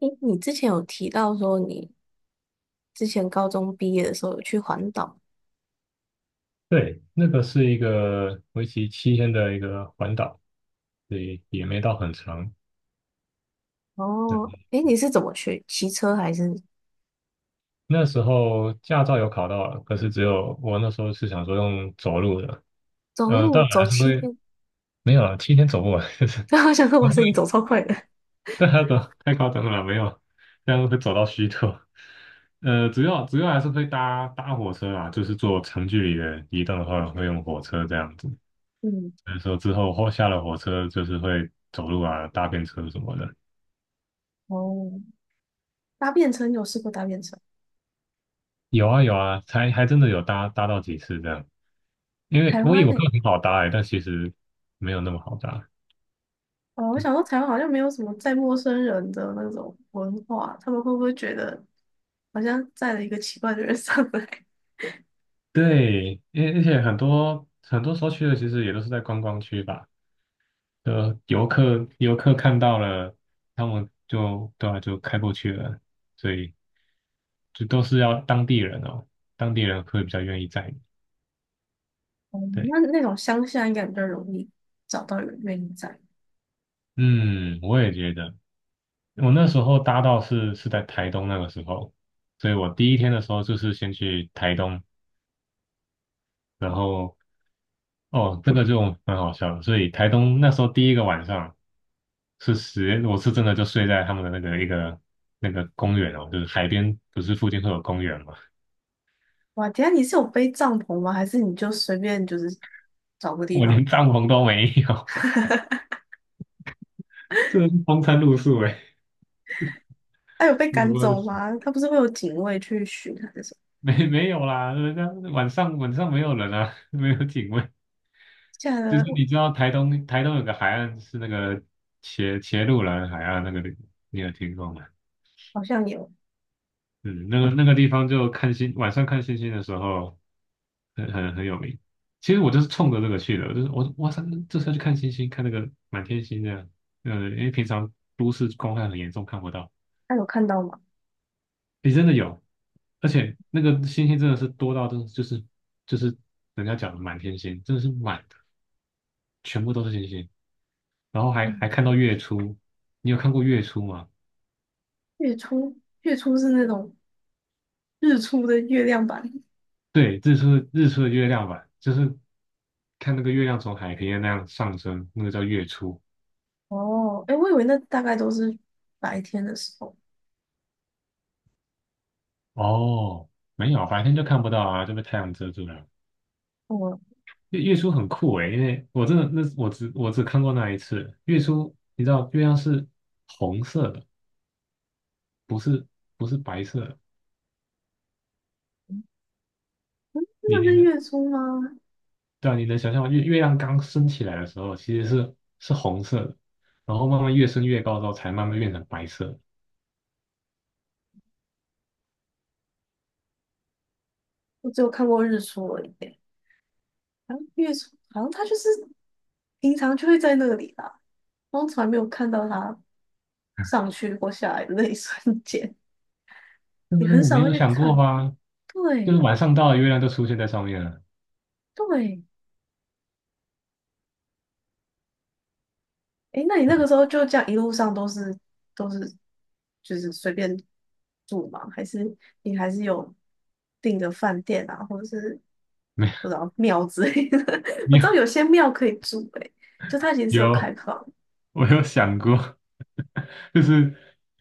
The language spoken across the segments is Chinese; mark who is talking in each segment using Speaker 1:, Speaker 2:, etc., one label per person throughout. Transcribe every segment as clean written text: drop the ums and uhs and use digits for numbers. Speaker 1: 诶，你之前有提到说你之前高中毕业的时候有去环岛，
Speaker 2: 对，那个是一个为期七天的一个环岛，所以也没到很长。
Speaker 1: 哦，
Speaker 2: 嗯
Speaker 1: 诶，你是怎么去？骑车还是
Speaker 2: 那时候驾照有考到了，可是只有我那时候是想说用走路的，
Speaker 1: 走路
Speaker 2: 当然
Speaker 1: 走
Speaker 2: 还是
Speaker 1: 七
Speaker 2: 会
Speaker 1: 天？
Speaker 2: 没有了，七天走不完，就是
Speaker 1: 我想说，
Speaker 2: 不
Speaker 1: 哇塞，你走
Speaker 2: 会，
Speaker 1: 超快的。
Speaker 2: 但他走太夸张了，没有，这样会走到虚脱。主要还是会搭火车啦，就是坐长距离的移动的话，会用火车这样子。
Speaker 1: 嗯，
Speaker 2: 所以说之后下了火车，就是会走路啊，搭便车什么的。
Speaker 1: 哦，搭便车你有试过搭便车？
Speaker 2: 有啊有啊，才还真的有搭到几次这样。因为
Speaker 1: 台
Speaker 2: 我以
Speaker 1: 湾
Speaker 2: 为
Speaker 1: 嘞、
Speaker 2: 会很好搭欸，但其实没有那么好搭。
Speaker 1: 哦，我想说台湾好像没有什么载陌生人的那种文化，他们会不会觉得好像载了一个奇怪的人上来？
Speaker 2: 对，而且很多时候去的其实也都是在观光区吧，游客看到了，他们就对啊就开过去了，所以就都是要当地人哦，当地人会比较愿意载你。
Speaker 1: 哦，
Speaker 2: 对，
Speaker 1: 那种乡下应该比较容易找到有人愿意载。
Speaker 2: 嗯，我也觉得，我那时候搭到是在台东那个时候，所以我第一天的时候就是先去台东然后哦，这个就很好笑的。所以台东那时候第一个晚上我是真的就睡在他们的那个一个那个公园哦，就是海边，不是附近会有公园嘛？
Speaker 1: 哇，等一下你是有背帐篷吗？还是你就随便就是找个地
Speaker 2: 我
Speaker 1: 方？
Speaker 2: 连帐篷都没有，这是风餐露宿哎，
Speaker 1: 他有被
Speaker 2: 有
Speaker 1: 赶
Speaker 2: 吗？
Speaker 1: 走吗？他不是会有警卫去巡还是什么？
Speaker 2: 没有啦，人家晚上没有人啊，没有警卫。
Speaker 1: 现
Speaker 2: 就是
Speaker 1: 在
Speaker 2: 你知道台东有个海岸是那个茄鹿兰海岸那个地，你有听过吗？
Speaker 1: 好像有，
Speaker 2: 嗯，那个地方就晚上看星星的时候很有名。其实我就是冲着这个去的，我就是我哇塞，这是要去看星星，看那个满天星这样。因为平常都市光害很严重，看不到。
Speaker 1: 他有看到吗？
Speaker 2: 诶，真的有，而且那个星星真的是多到真的就是人家讲的满天星，真的是满的，全部都是星星。然后还
Speaker 1: 嗯，
Speaker 2: 还看到月初，你有看过月初吗？
Speaker 1: 月初，月初是那种日出的月亮版。
Speaker 2: 对，日出的月亮吧，就是看那个月亮从海平面那样上升，那个叫月出。
Speaker 1: 哦，哎，我以为那大概都是白天的时候。
Speaker 2: 哦，没有，白天就看不到啊，就被太阳遮住了。
Speaker 1: 哦，
Speaker 2: 月出很酷诶，因为我真的那我只看过那一次月出，你知道月亮是红色的，不是不是白色的。
Speaker 1: 嗯，真的
Speaker 2: 你你
Speaker 1: 是
Speaker 2: 能
Speaker 1: 月初吗？
Speaker 2: 对啊，你能想象吗？月亮刚升起来的时候，其实是红色的，然后慢慢越升越高之后，才慢慢变成白色
Speaker 1: 我只有看过日出而已耶。好像月初，好像他就是平常就会在那里啦，然后从来没有看到他上去或下来的那一 瞬间，
Speaker 2: 对不
Speaker 1: 也
Speaker 2: 对？
Speaker 1: 很少
Speaker 2: 没
Speaker 1: 会
Speaker 2: 有
Speaker 1: 去
Speaker 2: 想过
Speaker 1: 看。
Speaker 2: 吗？就是
Speaker 1: 对
Speaker 2: 晚上到了，月亮就出现在上面了。
Speaker 1: 对，诶，那你那个时候就这样一路上都是就是随便住吗？还是你还是有订的饭店啊，或者是不知道庙之类的？我
Speaker 2: 你
Speaker 1: 知
Speaker 2: 有，
Speaker 1: 道有些庙可以住、欸诶，就它其 实是有开
Speaker 2: 有，
Speaker 1: 放。
Speaker 2: 我有想过，就是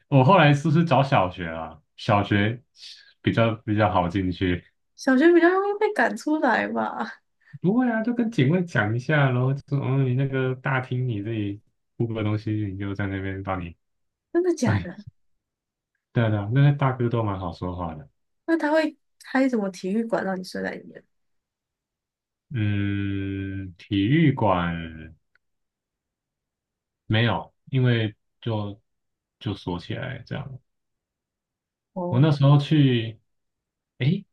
Speaker 2: 我后来是不是找小学啊？小学比较好进去。
Speaker 1: 小学比较容易被赶出来吧？
Speaker 2: 不会啊，就跟警卫讲一下，然后就说，嗯，你那个大厅你这里铺个东西，你就在那边帮你。
Speaker 1: 真的假
Speaker 2: 哎，
Speaker 1: 的？
Speaker 2: 对啊对啊，那些大哥都蛮好说话的。
Speaker 1: 那他会开什么体育馆让你睡在里面？
Speaker 2: 嗯，体育馆没有，因为就就锁起来这样。我
Speaker 1: 哦，
Speaker 2: 那时候去，诶，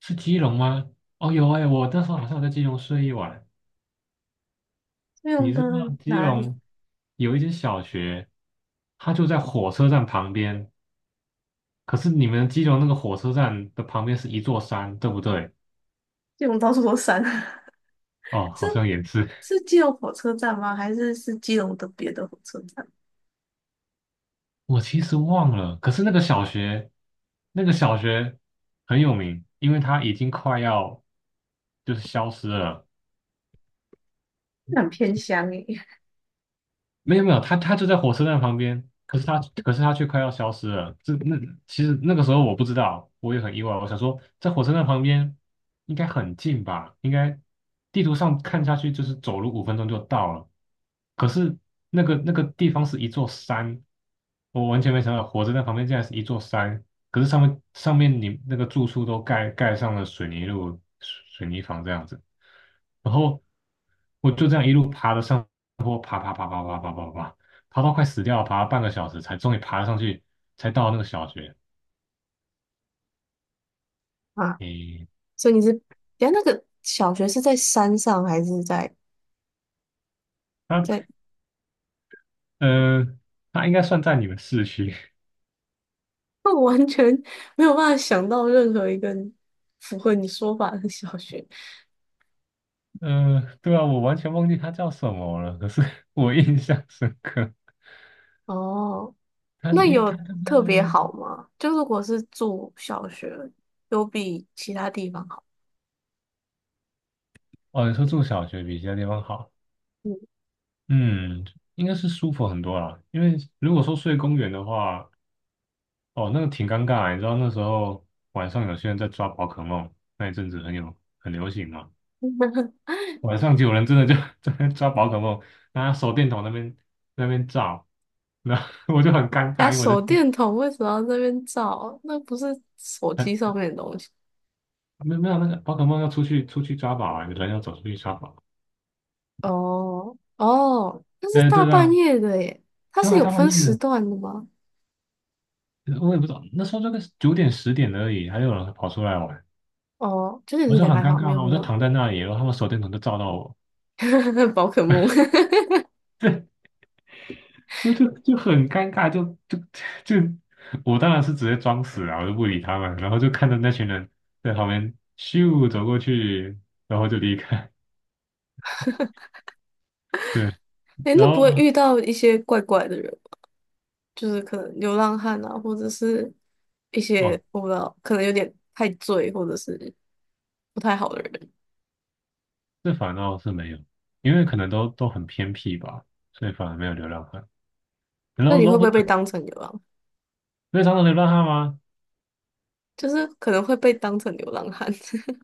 Speaker 2: 是基隆吗？哦，有诶，我那时候好像有在基隆睡一晚。
Speaker 1: 基隆
Speaker 2: 你
Speaker 1: 的
Speaker 2: 知道基
Speaker 1: 哪里？
Speaker 2: 隆有一间小学，它就在火车站旁边，可是你们基隆那个火车站的旁边是一座山，对不对？
Speaker 1: 基隆到处都山，
Speaker 2: 哦，
Speaker 1: 是
Speaker 2: 好像也是。
Speaker 1: 是基隆火车站吗？还是是基隆的别的火车站？
Speaker 2: 我其实忘了，可是那个小学很有名，因为它已经快要就是消失了。
Speaker 1: 那很偏乡诶。
Speaker 2: 没有没有，他就在火车站旁边，可是他却快要消失了。其实那个时候我不知道，我也很意外。我想说，在火车站旁边应该很近吧？应该地图上看下去就是走路5分钟就到了。可是那个地方是一座山，我完全没想到火车站旁边竟然是一座山。可是上面你那个住处都盖上了水泥路、水泥房这样子，然后我就这样一路爬的上。然后爬爬爬爬爬爬爬爬，爬到快死掉了，爬了半个小时才终于爬上去，才到那个小学。
Speaker 1: 啊，
Speaker 2: 诶，
Speaker 1: 所以你是，等一下那个小学是在山上还是在
Speaker 2: 他
Speaker 1: 在？
Speaker 2: 呃，他应该算在你们市区。
Speaker 1: 那我完全没有办法想到任何一个符合你说法的小学。
Speaker 2: 对啊，我完全忘记他叫什么了，可是 我印象深刻。
Speaker 1: 哦，
Speaker 2: 他
Speaker 1: 那
Speaker 2: 因为他
Speaker 1: 有
Speaker 2: 就在
Speaker 1: 特别好吗？就如果是住小学，有比其他地方好？
Speaker 2: 哦，你说住小学比其他地方好，
Speaker 1: 嗯，
Speaker 2: 嗯，应该是舒服很多啦。因为如果说睡公园的话，哦，那个挺尴尬的你知道那时候晚上有些人在抓宝可梦，那一阵子很流行嘛。晚上就有人真的就 在那抓宝可梦，拿手电筒那边照，然后 我就很尴
Speaker 1: 呀，
Speaker 2: 尬，因为我
Speaker 1: 手
Speaker 2: 就是
Speaker 1: 电筒为什么要这边照？那不是手机上
Speaker 2: 很
Speaker 1: 面的东西。
Speaker 2: 没有那个宝可梦要出去抓宝啊，有人要走出去抓宝，
Speaker 1: 哦哦，那是
Speaker 2: 对
Speaker 1: 大
Speaker 2: 对
Speaker 1: 半
Speaker 2: 啊
Speaker 1: 夜的耶，它
Speaker 2: 对
Speaker 1: 是
Speaker 2: 啊，
Speaker 1: 有
Speaker 2: 大半
Speaker 1: 分
Speaker 2: 夜
Speaker 1: 时
Speaker 2: 的，
Speaker 1: 段的吗？
Speaker 2: 我也不知道那时候这个9点10点而已，还有人跑出来玩，
Speaker 1: 哦，9点
Speaker 2: 我
Speaker 1: 十
Speaker 2: 就
Speaker 1: 点
Speaker 2: 很
Speaker 1: 还
Speaker 2: 尴
Speaker 1: 好，
Speaker 2: 尬
Speaker 1: 没有
Speaker 2: 啊，
Speaker 1: 很
Speaker 2: 我就
Speaker 1: 晚。
Speaker 2: 躺在那里，然后他们手电筒就照到我，
Speaker 1: 宝可梦，
Speaker 2: 就很尴尬，就就就，我当然是直接装死啊，我就不理他们，然后就看着那群人在旁边咻走过去，然后就离开。对，
Speaker 1: 哎
Speaker 2: 然
Speaker 1: 那不会
Speaker 2: 后
Speaker 1: 遇到一些怪怪的人吗就是可能流浪汉啊，或者是一些
Speaker 2: 哦，
Speaker 1: 我不知道，可能有点太醉，或者是不太好的人。
Speaker 2: 这反倒是没有，因为可能都很偏僻吧，所以反而没有流浪汉。然
Speaker 1: 那
Speaker 2: 后，然
Speaker 1: 你会
Speaker 2: 后
Speaker 1: 不
Speaker 2: 不
Speaker 1: 会
Speaker 2: 是
Speaker 1: 被当成流浪？
Speaker 2: 非常的流浪汉吗？
Speaker 1: 就是可能会被当成流浪汉，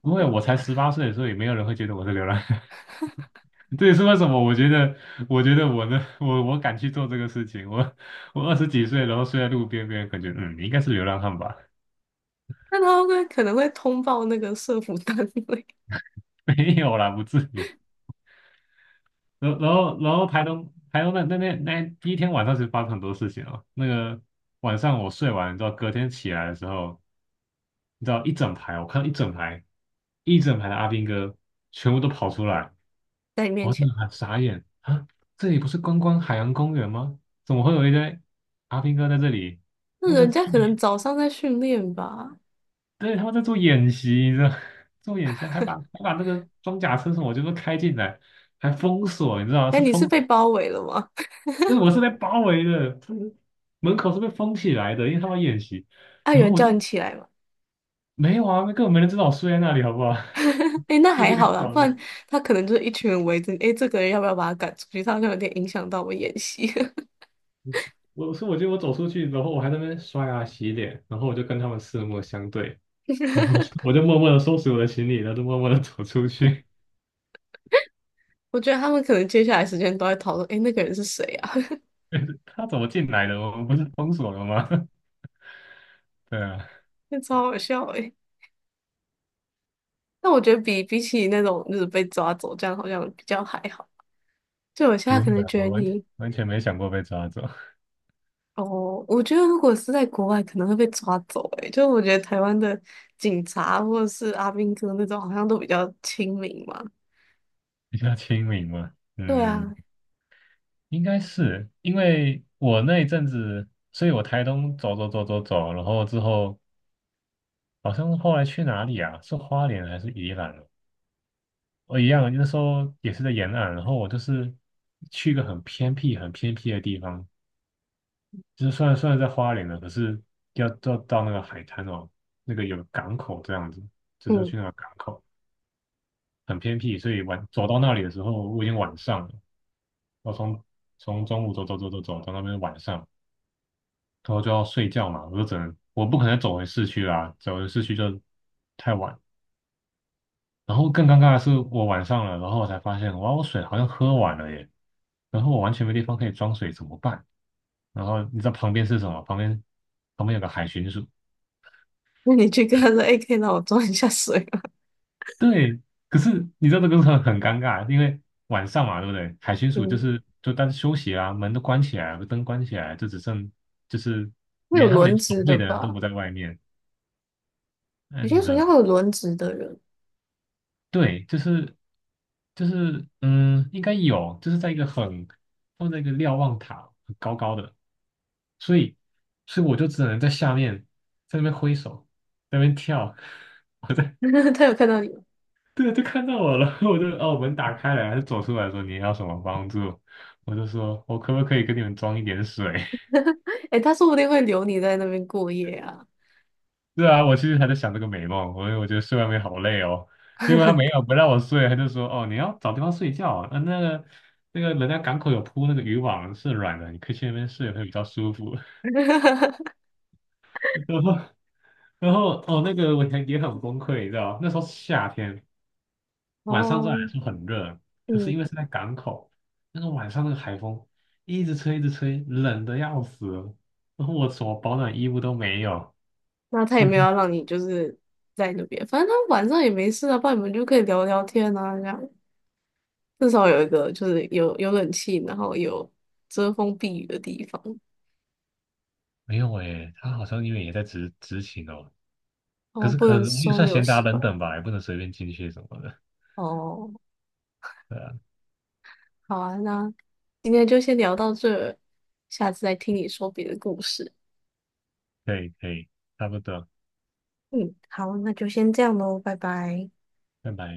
Speaker 2: 因为我才18岁，所以没有人会觉得我是流浪汉。这也是为什么我觉得我呢，我敢去做这个事情。我20几岁，然后睡在路边，感觉你应该是流浪汉吧。
Speaker 1: 那他会可能会通报那个社服单位
Speaker 2: 没有啦，不至于。然后台东那第一天晚上其实发生很多事情哦。那个晚上我睡完之后，你知道隔天起来的时候，你知道一整排，我看到一整排的阿兵哥全部都跑出来，
Speaker 1: 在你面
Speaker 2: 我真
Speaker 1: 前。
Speaker 2: 的很傻眼啊！这里不是观光海洋公园吗？怎么会有一堆阿兵哥在这里？
Speaker 1: 那
Speaker 2: 他们在
Speaker 1: 人
Speaker 2: 做
Speaker 1: 家可能
Speaker 2: 演
Speaker 1: 早上在训练吧，
Speaker 2: 对，他们在做演习，你知道，做演习还把那个装甲车什么就是开进来。还封锁，你知道吗？
Speaker 1: 哎，你是被包围了吗？
Speaker 2: 就是我是被包围的，就是门口是被封起来的，因为他们演习。
Speaker 1: 啊，有
Speaker 2: 然后
Speaker 1: 人
Speaker 2: 我
Speaker 1: 叫你
Speaker 2: 就
Speaker 1: 起来吗？
Speaker 2: 没有啊，根本没人知道我睡在那里，好不好？
Speaker 1: 哎那
Speaker 2: 就是一
Speaker 1: 还
Speaker 2: 个
Speaker 1: 好啦，
Speaker 2: 角
Speaker 1: 不
Speaker 2: 落。
Speaker 1: 然他可能就是一群人围着你。哎，这个人要不要把他赶出去？他好像有点影响到我演戏。
Speaker 2: 我说，我觉得我走出去，然后我还在那边刷牙洗脸，然后我就跟他们四目相对，然后 我就默默的收拾我的行李，然后就默默的走出去。
Speaker 1: 我觉得他们可能接下来时间都在讨论，哎，那个人是谁啊？
Speaker 2: 他怎么进来的？我们不是封锁了吗？对啊，
Speaker 1: 那超好笑哎。但我觉得比起那种就是被抓走这样，好像比较还好。就我现
Speaker 2: 不
Speaker 1: 在
Speaker 2: 会
Speaker 1: 可能
Speaker 2: 啊，
Speaker 1: 觉得
Speaker 2: 我完全
Speaker 1: 你，
Speaker 2: 完全没想过被抓走，
Speaker 1: 哦，我觉得如果是在国外，可能会被抓走哎。就我觉得台湾的警察或者是阿兵哥那种，好像都比较亲民嘛。
Speaker 2: 比较亲民嘛。
Speaker 1: 对
Speaker 2: 嗯，
Speaker 1: 啊，
Speaker 2: 应该是因为我那一阵子，所以我台东走走走走走，然后之后好像是后来去哪里啊？是花莲还是宜兰啊哦？我一样，那时候也是在沿岸，然后我就是去一个很偏僻、很偏僻的地方，就是虽然在花莲了，可是要到那个海滩哦，那个有港口这样子，就是要
Speaker 1: 嗯。
Speaker 2: 去那个港口，很偏僻，所以晚走到那里的时候，我已经晚上了，我从中午走走走走走到那边晚上。然后就要睡觉嘛，我不可能走回市区啦，走回市区就太晚。然后更尴尬的是，我晚上了，然后我才发现，哇，我水好像喝完了耶，然后我完全没地方可以装水，怎么办？然后你知道旁边是什么？旁边有个海巡署，
Speaker 1: 那你去跟他说：“哎，可以让我装一下水吗？”
Speaker 2: 对。可是你知道这个很尴尬，因为晚上嘛，对不对？海巡署就
Speaker 1: 嗯，
Speaker 2: 是就大家休息啊，门都关起来了，灯关起来，就只剩就是
Speaker 1: 会有
Speaker 2: 连他们连
Speaker 1: 轮
Speaker 2: 守
Speaker 1: 值
Speaker 2: 卫
Speaker 1: 的
Speaker 2: 的人都
Speaker 1: 吧？
Speaker 2: 不在外面。
Speaker 1: 有
Speaker 2: 嗯，
Speaker 1: 些
Speaker 2: 你知
Speaker 1: 暑假会
Speaker 2: 道。
Speaker 1: 有轮值的人，
Speaker 2: 对，就是应该有，就是在一个很放在一个瞭望塔很高高的，所以所以我就只能在下面在那边挥手，在那边跳，我在
Speaker 1: 他有看到你吗？
Speaker 2: 对啊，就看到我了，哦门打开了，他就走出来说你要什么帮助，我就说我可不可以给你们装一点水，
Speaker 1: 哎他说不定会留你在那边过夜啊。
Speaker 2: 是啊，我其实还在想这个美梦，我觉得睡外面好累哦。结果他没有不让我睡，他就说：“哦，你要找地方睡觉。那个人家港口有铺那个渔网，是软的，你可以去那边睡，会比较舒服。然后然后哦，那个我也很崩溃，你知道，那时候是夏天，晚上虽然
Speaker 1: 哦，
Speaker 2: 说很热，可是
Speaker 1: 嗯，
Speaker 2: 因为是在港口，那个晚上那个海风一直吹一直吹，冷的要死了然后我什么保暖衣物都没有，
Speaker 1: 那他也
Speaker 2: 几乎
Speaker 1: 没有要让你就是在那边，反正他晚上也没事啊，不然你们就可以聊聊天啊，这样至少有一个就是有冷气，然后有遮风避雨的地方。
Speaker 2: 没有诶，他好像因为也在执勤哦，可
Speaker 1: 哦，
Speaker 2: 是
Speaker 1: 不
Speaker 2: 可我
Speaker 1: 能
Speaker 2: 也
Speaker 1: 收
Speaker 2: 算
Speaker 1: 留
Speaker 2: 闲杂
Speaker 1: 起
Speaker 2: 人
Speaker 1: 来。
Speaker 2: 等吧，也不能随便进去什么的。
Speaker 1: 哦，
Speaker 2: 对啊，
Speaker 1: 好啊，那今天就先聊到这儿下次再听你说别的故事。
Speaker 2: 可以可以，差不多，
Speaker 1: 嗯，好，那就先这样喽，拜拜。
Speaker 2: 拜拜。